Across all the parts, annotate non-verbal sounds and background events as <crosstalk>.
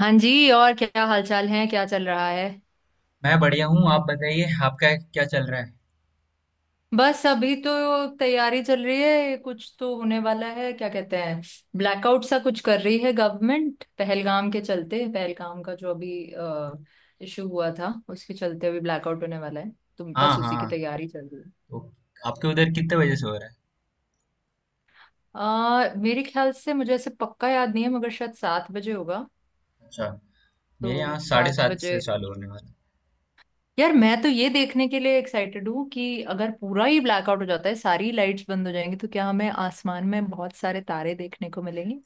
हाँ जी, और क्या हालचाल है? क्या चल रहा है? मैं बढ़िया हूँ। आप बताइए, आपका क्या चल रहा है? बस अभी तो तैयारी चल रही है। कुछ तो होने वाला है, क्या कहते हैं, ब्लैकआउट सा कुछ कर रही है गवर्नमेंट। पहलगाम के चलते पहलगाम का जो अभी इशू हुआ था उसके चलते अभी ब्लैकआउट होने वाला है। तो हाँ, बस उसी की हाँ। तैयारी चल रही है। तो आपके उधर कितने बजे से हो रहा है? मेरे ख्याल से मुझे ऐसे पक्का याद नहीं है, मगर शायद 7 बजे होगा। अच्छा। मेरे तो यहाँ साढ़े सात सात से बजे चालू होने वाला है। यार, मैं तो ये देखने के लिए एक्साइटेड हूँ कि अगर पूरा ही ब्लैकआउट हो जाता है, सारी लाइट्स बंद हो जाएंगी, तो क्या हमें आसमान में बहुत सारे तारे देखने को मिलेंगे।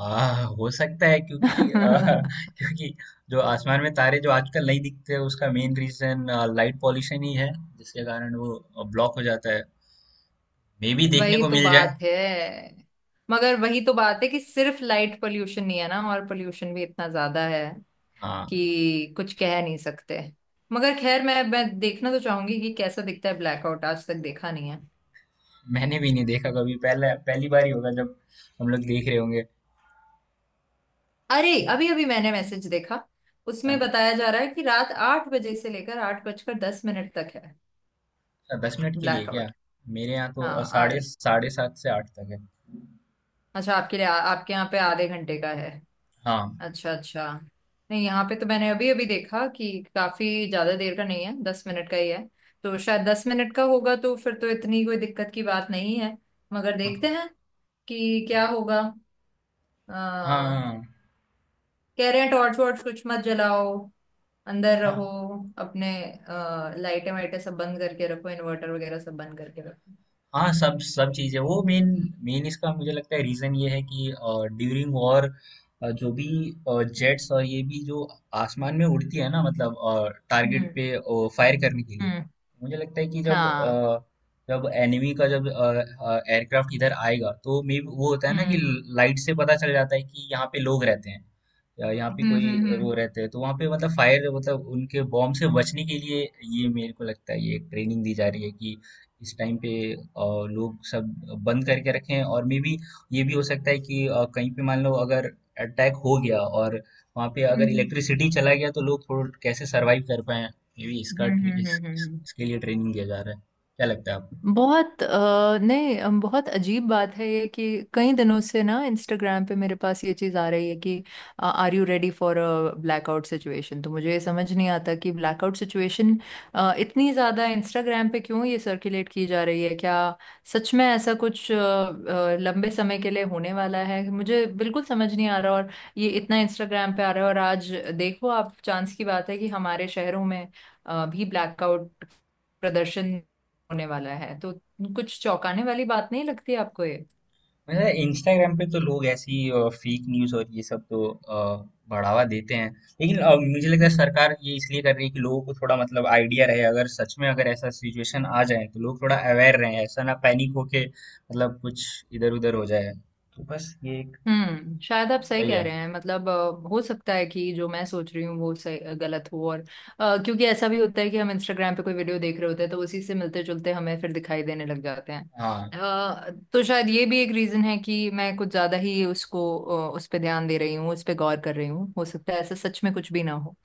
हो सकता है क्योंकि <laughs> <laughs> क्योंकि जो आसमान में तारे जो आजकल नहीं दिखते, उसका मेन रीजन लाइट पॉल्यूशन ही है, जिसके कारण वो ब्लॉक हो जाता है। मे भी देखने वही को तो मिल जाए। बात है। मगर वही तो बात है कि सिर्फ लाइट पोल्यूशन नहीं है ना, और पोल्यूशन भी इतना ज्यादा है हाँ। कि कुछ कह नहीं सकते। मगर खैर, मैं देखना तो चाहूंगी कि कैसा दिखता है। ब्लैकआउट आज तक देखा नहीं है। मैंने भी नहीं देखा कभी, पहले पहली बार ही होगा जब हम लोग देख रहे होंगे। अरे, अभी अभी मैंने मैसेज देखा। उसमें हाँ। बताया जा रहा है कि रात 8 बजे से लेकर 8 बजकर 10 मिनट तक है। अच्छा, 10 मिनट के लिए क्या? ब्लैकआउट। मेरे यहाँ तो हाँ, 8। साढ़े साढ़े सात से आठ तक है। अच्छा, आपके लिए आपके यहाँ पे आधे घंटे का है? हाँ, अच्छा अच्छा। नहीं, यहाँ पे तो मैंने अभी अभी देखा कि काफी ज्यादा देर का नहीं है, 10 मिनट का ही है। तो शायद 10 मिनट का होगा, तो फिर तो इतनी कोई दिक्कत की बात नहीं है। मगर हाँ, देखते हैं कि क्या होगा। हाँ, हाँ, कह हाँ, रहे हैं टॉर्च वॉर्च कुछ मत जलाओ, अंदर रहो। हाँ। अपने लाइटें वाइटें सब बंद करके रखो, इन्वर्टर वगैरह सब बंद करके रखो। हाँ, सब सब चीज़ें, वो मेन मेन इसका मुझे लगता है रीजन ये है कि ड्यूरिंग वॉर जो भी जेट्स और ये भी जो आसमान में उड़ती है ना, मतलब टारगेट हम्म। पे फायर करने के लिए। हम्म। मुझे लगता है कि हाँ। जब एनिमी का जब एयरक्राफ्ट इधर आएगा तो मे वो होता है ना कि हम्म। लाइट से पता चल जाता है कि यहाँ पे लोग रहते हैं या यहाँ पे हम्म। हम्म। कोई हम्म। वो रहते हैं, तो वहाँ पे मतलब फायर, मतलब उनके बॉम्ब से बचने के लिए ये मेरे को लगता है ये ट्रेनिंग दी जा रही है कि इस टाइम पे लोग सब बंद करके रखें हैं। और मे बी ये भी हो सकता है कि कहीं पे मान लो अगर अटैक हो गया और वहाँ पे अगर हम्म। इलेक्ट्रिसिटी चला गया तो लोग थोड़ा कैसे सरवाइव कर पाए। मे बी हम्म। इसका हम्म। इस, हम्म। इस, इसके लिए ट्रेनिंग दिया जा रहा है। क्या लगता है आपको? बहुत नहीं, बहुत अजीब बात है ये कि कई दिनों से ना इंस्टाग्राम पे मेरे पास ये चीज़ आ रही है कि are you ready for a blackout situation. तो मुझे ये समझ नहीं आता कि ब्लैकआउट सिचुएशन इतनी ज़्यादा इंस्टाग्राम पे क्यों ये सर्कुलेट की जा रही है। क्या सच में ऐसा कुछ लंबे समय के लिए होने वाला है, मुझे बिल्कुल समझ नहीं आ रहा। और ये इतना इंस्टाग्राम पे आ रहा है और आज, देखो आप, चांस की बात है कि हमारे शहरों में भी ब्लैकआउट प्रदर्शन होने वाला है। तो कुछ चौंकाने वाली बात नहीं लगती आपको ये? मतलब इंस्टाग्राम पे तो लोग ऐसी फेक न्यूज और ये सब तो बढ़ावा देते हैं। लेकिन मुझे लगता है हम्म। सरकार ये इसलिए कर रही है कि लोगों को थोड़ा मतलब आइडिया रहे, अगर सच में अगर ऐसा सिचुएशन आ जाए तो लोग थोड़ा अवेयर रहे, ऐसा ना पैनिक होके मतलब कुछ इधर उधर हो जाए। तो बस ये एक हम्म। शायद आप सही वही कह है। रहे हैं, मतलब हो सकता है कि जो मैं सोच रही हूँ वो सही गलत हो। और क्योंकि ऐसा भी होता है कि हम इंस्टाग्राम पे कोई वीडियो देख रहे होते हैं, तो उसी से मिलते जुलते हमें फिर दिखाई देने लग जाते हैं। हाँ, तो शायद ये भी एक रीजन है कि मैं कुछ ज्यादा ही उसको उस पर ध्यान दे रही हूँ, उस पर गौर कर रही हूँ। हो सकता है ऐसा सच में कुछ भी ना हो।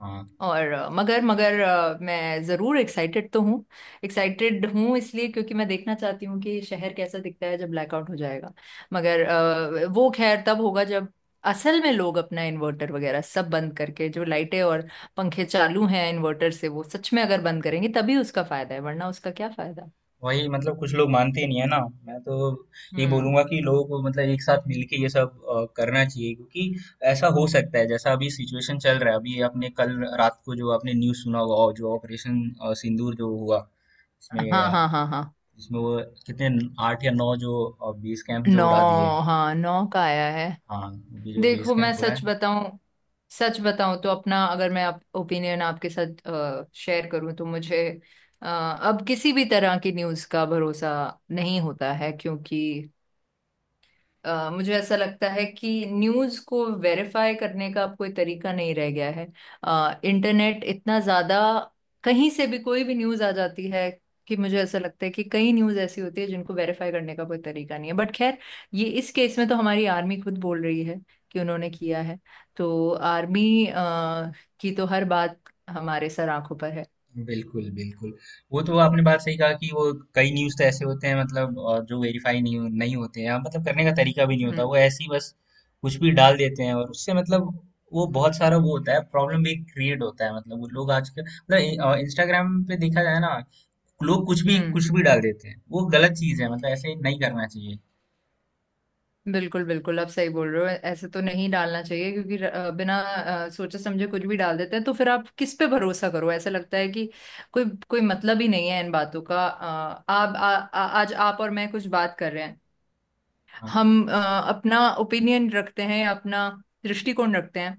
हाँ। और मगर मगर मैं ज़रूर एक्साइटेड तो हूँ। एक्साइटेड हूँ इसलिए क्योंकि मैं देखना चाहती हूँ कि शहर कैसा दिखता है जब ब्लैकआउट हो जाएगा। मगर वो खैर तब होगा जब असल में लोग अपना इन्वर्टर वगैरह सब बंद करके, जो लाइटें और पंखे चालू हैं इन्वर्टर से, वो सच में अगर बंद करेंगे तभी उसका फायदा है, वरना उसका क्या फायदा। वही, मतलब कुछ लोग मानते ही नहीं है ना। मैं तो ये हम्म। बोलूंगा कि लोगों को मतलब एक साथ मिलके ये सब करना चाहिए, क्योंकि ऐसा हो सकता है जैसा अभी सिचुएशन चल रहा है। अभी आपने कल रात को जो आपने न्यूज़ सुना होगा, और जो ऑपरेशन सिंदूर जो हुआ, इसमें हाँ हाँ हाँ हाँ। इसमें वो कितने, 8 या 9 जो बेस कैंप जो 9। उड़ा दिए। हाँ, नौ का आया है। हाँ, ये जो बेस देखो, मैं कैंप उड़ा सच है। बताऊं, सच बताऊं तो अपना, अगर मैं ओपिनियन आपके साथ शेयर करूं, तो मुझे अब किसी भी तरह की न्यूज़ का भरोसा नहीं होता है, क्योंकि मुझे ऐसा लगता है कि न्यूज़ को वेरीफाई करने का अब कोई तरीका नहीं रह गया है। इंटरनेट इतना ज्यादा, कहीं से भी कोई भी न्यूज़ आ जाती है कि मुझे ऐसा लगता है कि कई न्यूज़ ऐसी होती है जिनको वेरीफाई करने का कोई तरीका नहीं है। बट खैर, ये इस केस में तो हमारी आर्मी खुद बोल रही है कि उन्होंने किया है। तो आर्मी की तो हर बात हमारे सर आंखों पर है। बिल्कुल, बिल्कुल। वो तो आपने बात सही कहा कि वो कई न्यूज़ तो ऐसे होते हैं, मतलब जो वेरीफ़ाई नहीं होते हैं, हाँ, मतलब करने का तरीका भी नहीं होता। हम्म। वो ऐसे ही बस कुछ भी डाल देते हैं, और उससे मतलब वो बहुत सारा वो होता है, प्रॉब्लम भी क्रिएट होता है। मतलब वो लोग आजकल मतलब इंस्टाग्राम पे देखा जाए ना, लोग हम्म। कुछ भी डाल देते हैं। वो गलत चीज़ है, मतलब ऐसे नहीं करना चाहिए। बिल्कुल बिल्कुल, आप सही बोल रहे हो, ऐसे तो नहीं डालना चाहिए, क्योंकि बिना सोचे समझे कुछ भी डाल देते हैं, तो फिर आप किस पे भरोसा करो। ऐसा लगता है कि कोई कोई मतलब ही नहीं है इन बातों का। आप आ, आ, आज आप और मैं कुछ बात कर रहे हैं, हाँ, हम अपना ओपिनियन रखते हैं, अपना दृष्टिकोण रखते हैं।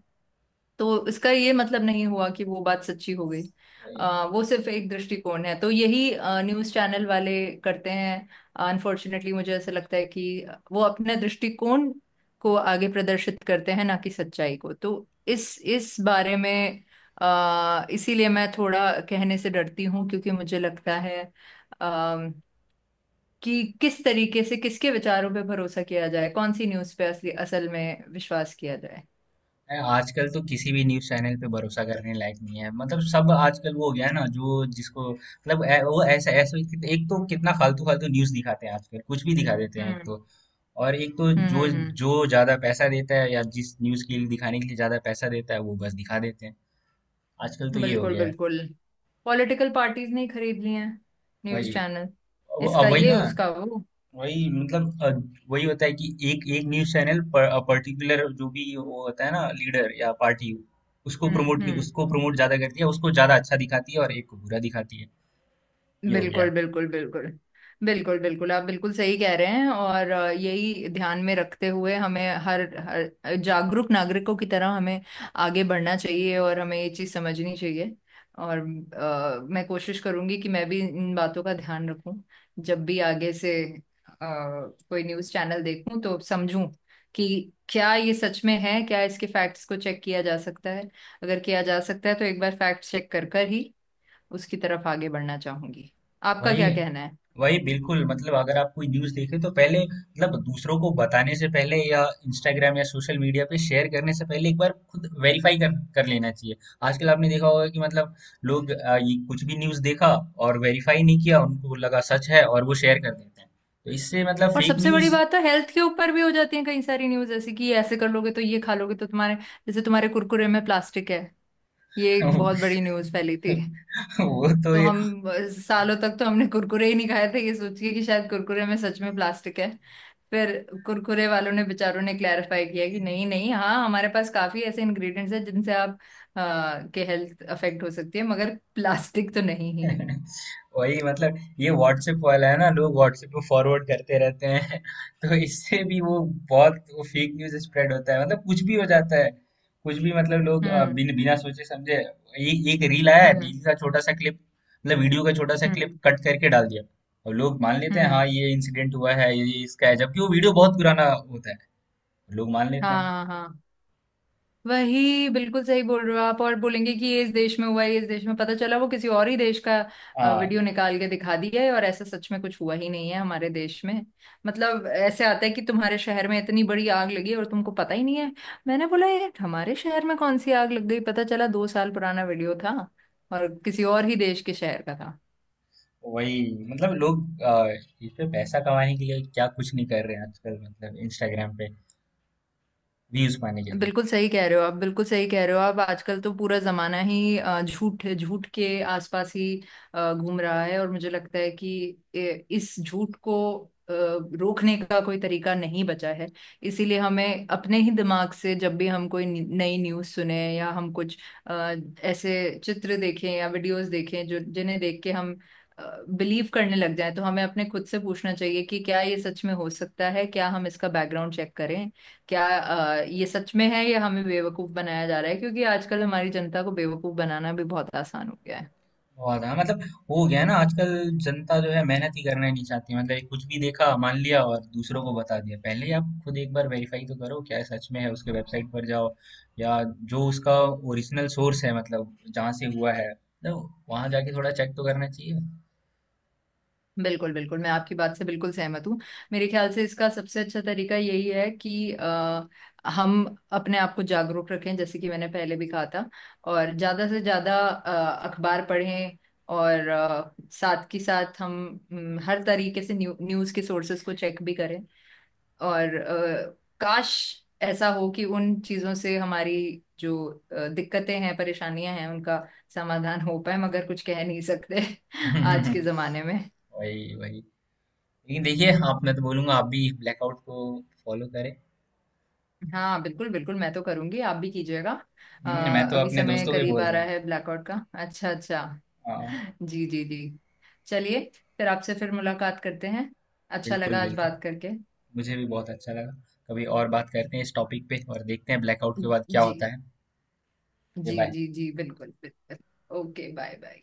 तो इसका ये मतलब नहीं हुआ कि वो बात सच्ची हो गई। वही। वो सिर्फ एक दृष्टिकोण है। तो यही न्यूज़ चैनल वाले करते हैं। अनफॉर्चुनेटली मुझे ऐसा लगता है कि वो अपने दृष्टिकोण को आगे प्रदर्शित करते हैं, ना कि सच्चाई को। तो इस बारे में इसीलिए मैं थोड़ा कहने से डरती हूँ, क्योंकि मुझे लगता है अ, कि किस तरीके से किसके विचारों पे भरोसा किया जाए, कौन सी न्यूज़ पे असली असल में विश्वास किया जाए। है, आजकल तो किसी भी न्यूज़ चैनल पे भरोसा करने लायक नहीं है। मतलब सब आजकल वो हो गया है ना, जो जिसको मतलब वो ऐसा ऐसा एक तो कितना फालतू फालतू न्यूज़ दिखाते हैं आजकल, कुछ भी दिखा देते हैं एक हम्म। तो। और एक तो हम्म। जो हम्म। हम्म। जो ज्यादा पैसा देता है, या जिस न्यूज़ के लिए दिखाने के लिए ज्यादा पैसा देता है वो बस दिखा देते हैं। आजकल तो ये हो बिल्कुल गया है। बिल्कुल। पॉलिटिकल पार्टीज ने ही खरीद लिए हैं वही। News channel. इसका अब वही ये ना। उसका वो। वही, मतलब वही होता है कि एक एक न्यूज चैनल पर पर्टिकुलर जो भी वो होता है ना, लीडर या पार्टी, उसको हम्म। प्रमोट हम्म। उसको प्रमोट ज्यादा करती है, उसको ज्यादा अच्छा दिखाती है और एक को बुरा दिखाती है। ये हो गया। बिल्कुल बिल्कुल बिल्कुल। बिल्कुल बिल्कुल, आप बिल्कुल सही कह रहे हैं। और यही ध्यान में रखते हुए हमें हर हर जागरूक नागरिकों की तरह हमें आगे बढ़ना चाहिए, और हमें ये चीज़ समझनी चाहिए। और मैं कोशिश करूंगी कि मैं भी इन बातों का ध्यान रखूं जब भी आगे से अ, कोई न्यूज़ चैनल देखूं, तो समझूं कि क्या ये सच में है, क्या इसके फैक्ट्स को चेक किया जा सकता है। अगर किया जा सकता है तो एक बार फैक्ट चेक कर कर ही उसकी तरफ आगे बढ़ना चाहूंगी। आपका वही क्या कहना है? वही, बिल्कुल, मतलब अगर आप कोई न्यूज़ देखें तो पहले, मतलब दूसरों को बताने से पहले या इंस्टाग्राम या सोशल मीडिया पे शेयर करने से पहले, एक बार खुद वेरीफाई कर कर लेना चाहिए। आजकल आपने देखा होगा कि मतलब लोग ये कुछ भी न्यूज़ देखा और वेरीफाई नहीं किया, उनको लगा सच है और वो शेयर कर देते हैं। तो इससे मतलब और फेक सबसे बड़ी न्यूज़। बात तो हेल्थ के ऊपर भी हो जाती है। कई सारी न्यूज ऐसी कि ये ऐसे कर लोगे, तो ये खा लोगे तो तुम्हारे, जैसे तुम्हारे कुरकुरे में प्लास्टिक है, ये एक बहुत बड़ी न्यूज फैली थी। <laughs> वो तो। तो हम सालों तक तो हमने कुरकुरे ही नहीं खाए थे, ये सोच के कि शायद कुरकुरे में सच में प्लास्टिक है। फिर कुरकुरे वालों ने, बेचारों ने, क्लैरिफाई किया कि नहीं नहीं, हाँ, हमारे पास काफी ऐसे इंग्रेडिएंट्स हैं जिनसे आप के हेल्थ अफेक्ट हो सकती है, मगर प्लास्टिक तो नहीं ही है। <laughs> वही, मतलब ये व्हाट्सएप वाला है ना, लोग व्हाट्सएप में फॉरवर्ड करते रहते हैं। <laughs> तो इससे भी वो बहुत वो फेक न्यूज स्प्रेड होता है, मतलब कुछ भी हो जाता है। कुछ भी, मतलब लोग हम्म। बिना सोचे समझे एक रील आया, हम्म। रील का छोटा सा क्लिप मतलब वीडियो का छोटा सा क्लिप हम्म। कट करके डाल दिया, और लोग मान लेते हैं हाँ हम्म। ये इंसिडेंट हुआ है ये इसका है, जबकि वो वीडियो बहुत पुराना होता है। लोग मान हाँ लेते हैं। हाँ हाँ। वही, बिल्कुल सही बोल रहे हो आप। और बोलेंगे कि ये इस देश में हुआ है, ये इस देश में, पता चला वो किसी और ही देश का हाँ, वीडियो निकाल के दिखा दिया है, और ऐसा सच में कुछ हुआ ही नहीं है हमारे देश में। मतलब ऐसे आता है कि तुम्हारे शहर में इतनी बड़ी आग लगी और तुमको पता ही नहीं है, मैंने बोला ये हमारे शहर में कौन सी आग लग गई, पता चला 2 साल पुराना वीडियो था और किसी और ही देश के शहर का था। वही, मतलब लोग इस पे पैसा कमाने के लिए क्या कुछ नहीं कर रहे हैं आजकल, मतलब इंस्टाग्राम पे व्यूज पाने के लिए। बिल्कुल सही कह रहे हो आप, बिल्कुल सही कह रहे हो आप। आजकल तो पूरा जमाना ही झूठ झूठ के आसपास ही घूम रहा है। और मुझे लगता है कि इस झूठ को रोकने का कोई तरीका नहीं बचा है। इसीलिए हमें अपने ही दिमाग से, जब भी हम कोई नई न्यूज़ सुने, या हम कुछ अ, ऐसे चित्र देखें या वीडियोस देखें, जो जिन्हें देख के हम बिलीव करने लग जाए, तो हमें अपने खुद से पूछना चाहिए कि क्या ये सच में हो सकता है, क्या हम इसका बैकग्राउंड चेक करें, क्या ये सच में है, या हमें बेवकूफ बनाया जा रहा है। क्योंकि आजकल हमारी जनता को बेवकूफ बनाना भी बहुत आसान हो गया है। बहुत, हाँ, मतलब हो गया है ना आजकल। जनता जो है मेहनत ही करना नहीं चाहती, मतलब एक कुछ भी देखा मान लिया और दूसरों को बता दिया। पहले ही आप खुद एक बार वेरीफाई तो करो क्या ये सच में है, उसके वेबसाइट पर जाओ, या जो उसका ओरिजिनल सोर्स है मतलब जहाँ से हुआ है, तो वहां जाके थोड़ा चेक तो करना चाहिए। बिल्कुल बिल्कुल, मैं आपकी बात से बिल्कुल सहमत हूँ। मेरे ख्याल से इसका सबसे अच्छा तरीका यही है कि हम अपने आप को जागरूक रखें, जैसे कि मैंने पहले भी कहा था, और ज्यादा से ज्यादा अखबार पढ़ें, और साथ के साथ हम हर तरीके से न्यूज़ के सोर्सेज को चेक भी करें। और काश ऐसा हो कि उन चीजों से हमारी जो दिक्कतें हैं, परेशानियां हैं, उनका समाधान हो पाए। मगर कुछ कह नहीं सकते <laughs> आज के <laughs> जमाने में। वही वही। लेकिन देखिए आप, मैं तो बोलूंगा आप भी ब्लैकआउट को फॉलो करें। हाँ बिल्कुल बिल्कुल, मैं तो करूंगी, आप भी कीजिएगा। अ, मैं तो अभी अपने समय दोस्तों को ही करीब बोल आ रहा रहा हूँ। है ब्लैकआउट का। अच्छा अच्छा। हाँ, जी जी जी। चलिए, फिर आपसे फिर मुलाकात करते हैं। अच्छा बिल्कुल, लगा आज बिल्कुल। बात करके। मुझे भी बहुत अच्छा लगा। कभी और बात करते हैं इस टॉपिक पे और देखते हैं ब्लैकआउट के बाद क्या जी होता है। ये जी बाय। जी जी, बिल्कुल बिल्कुल। Okay, bye bye.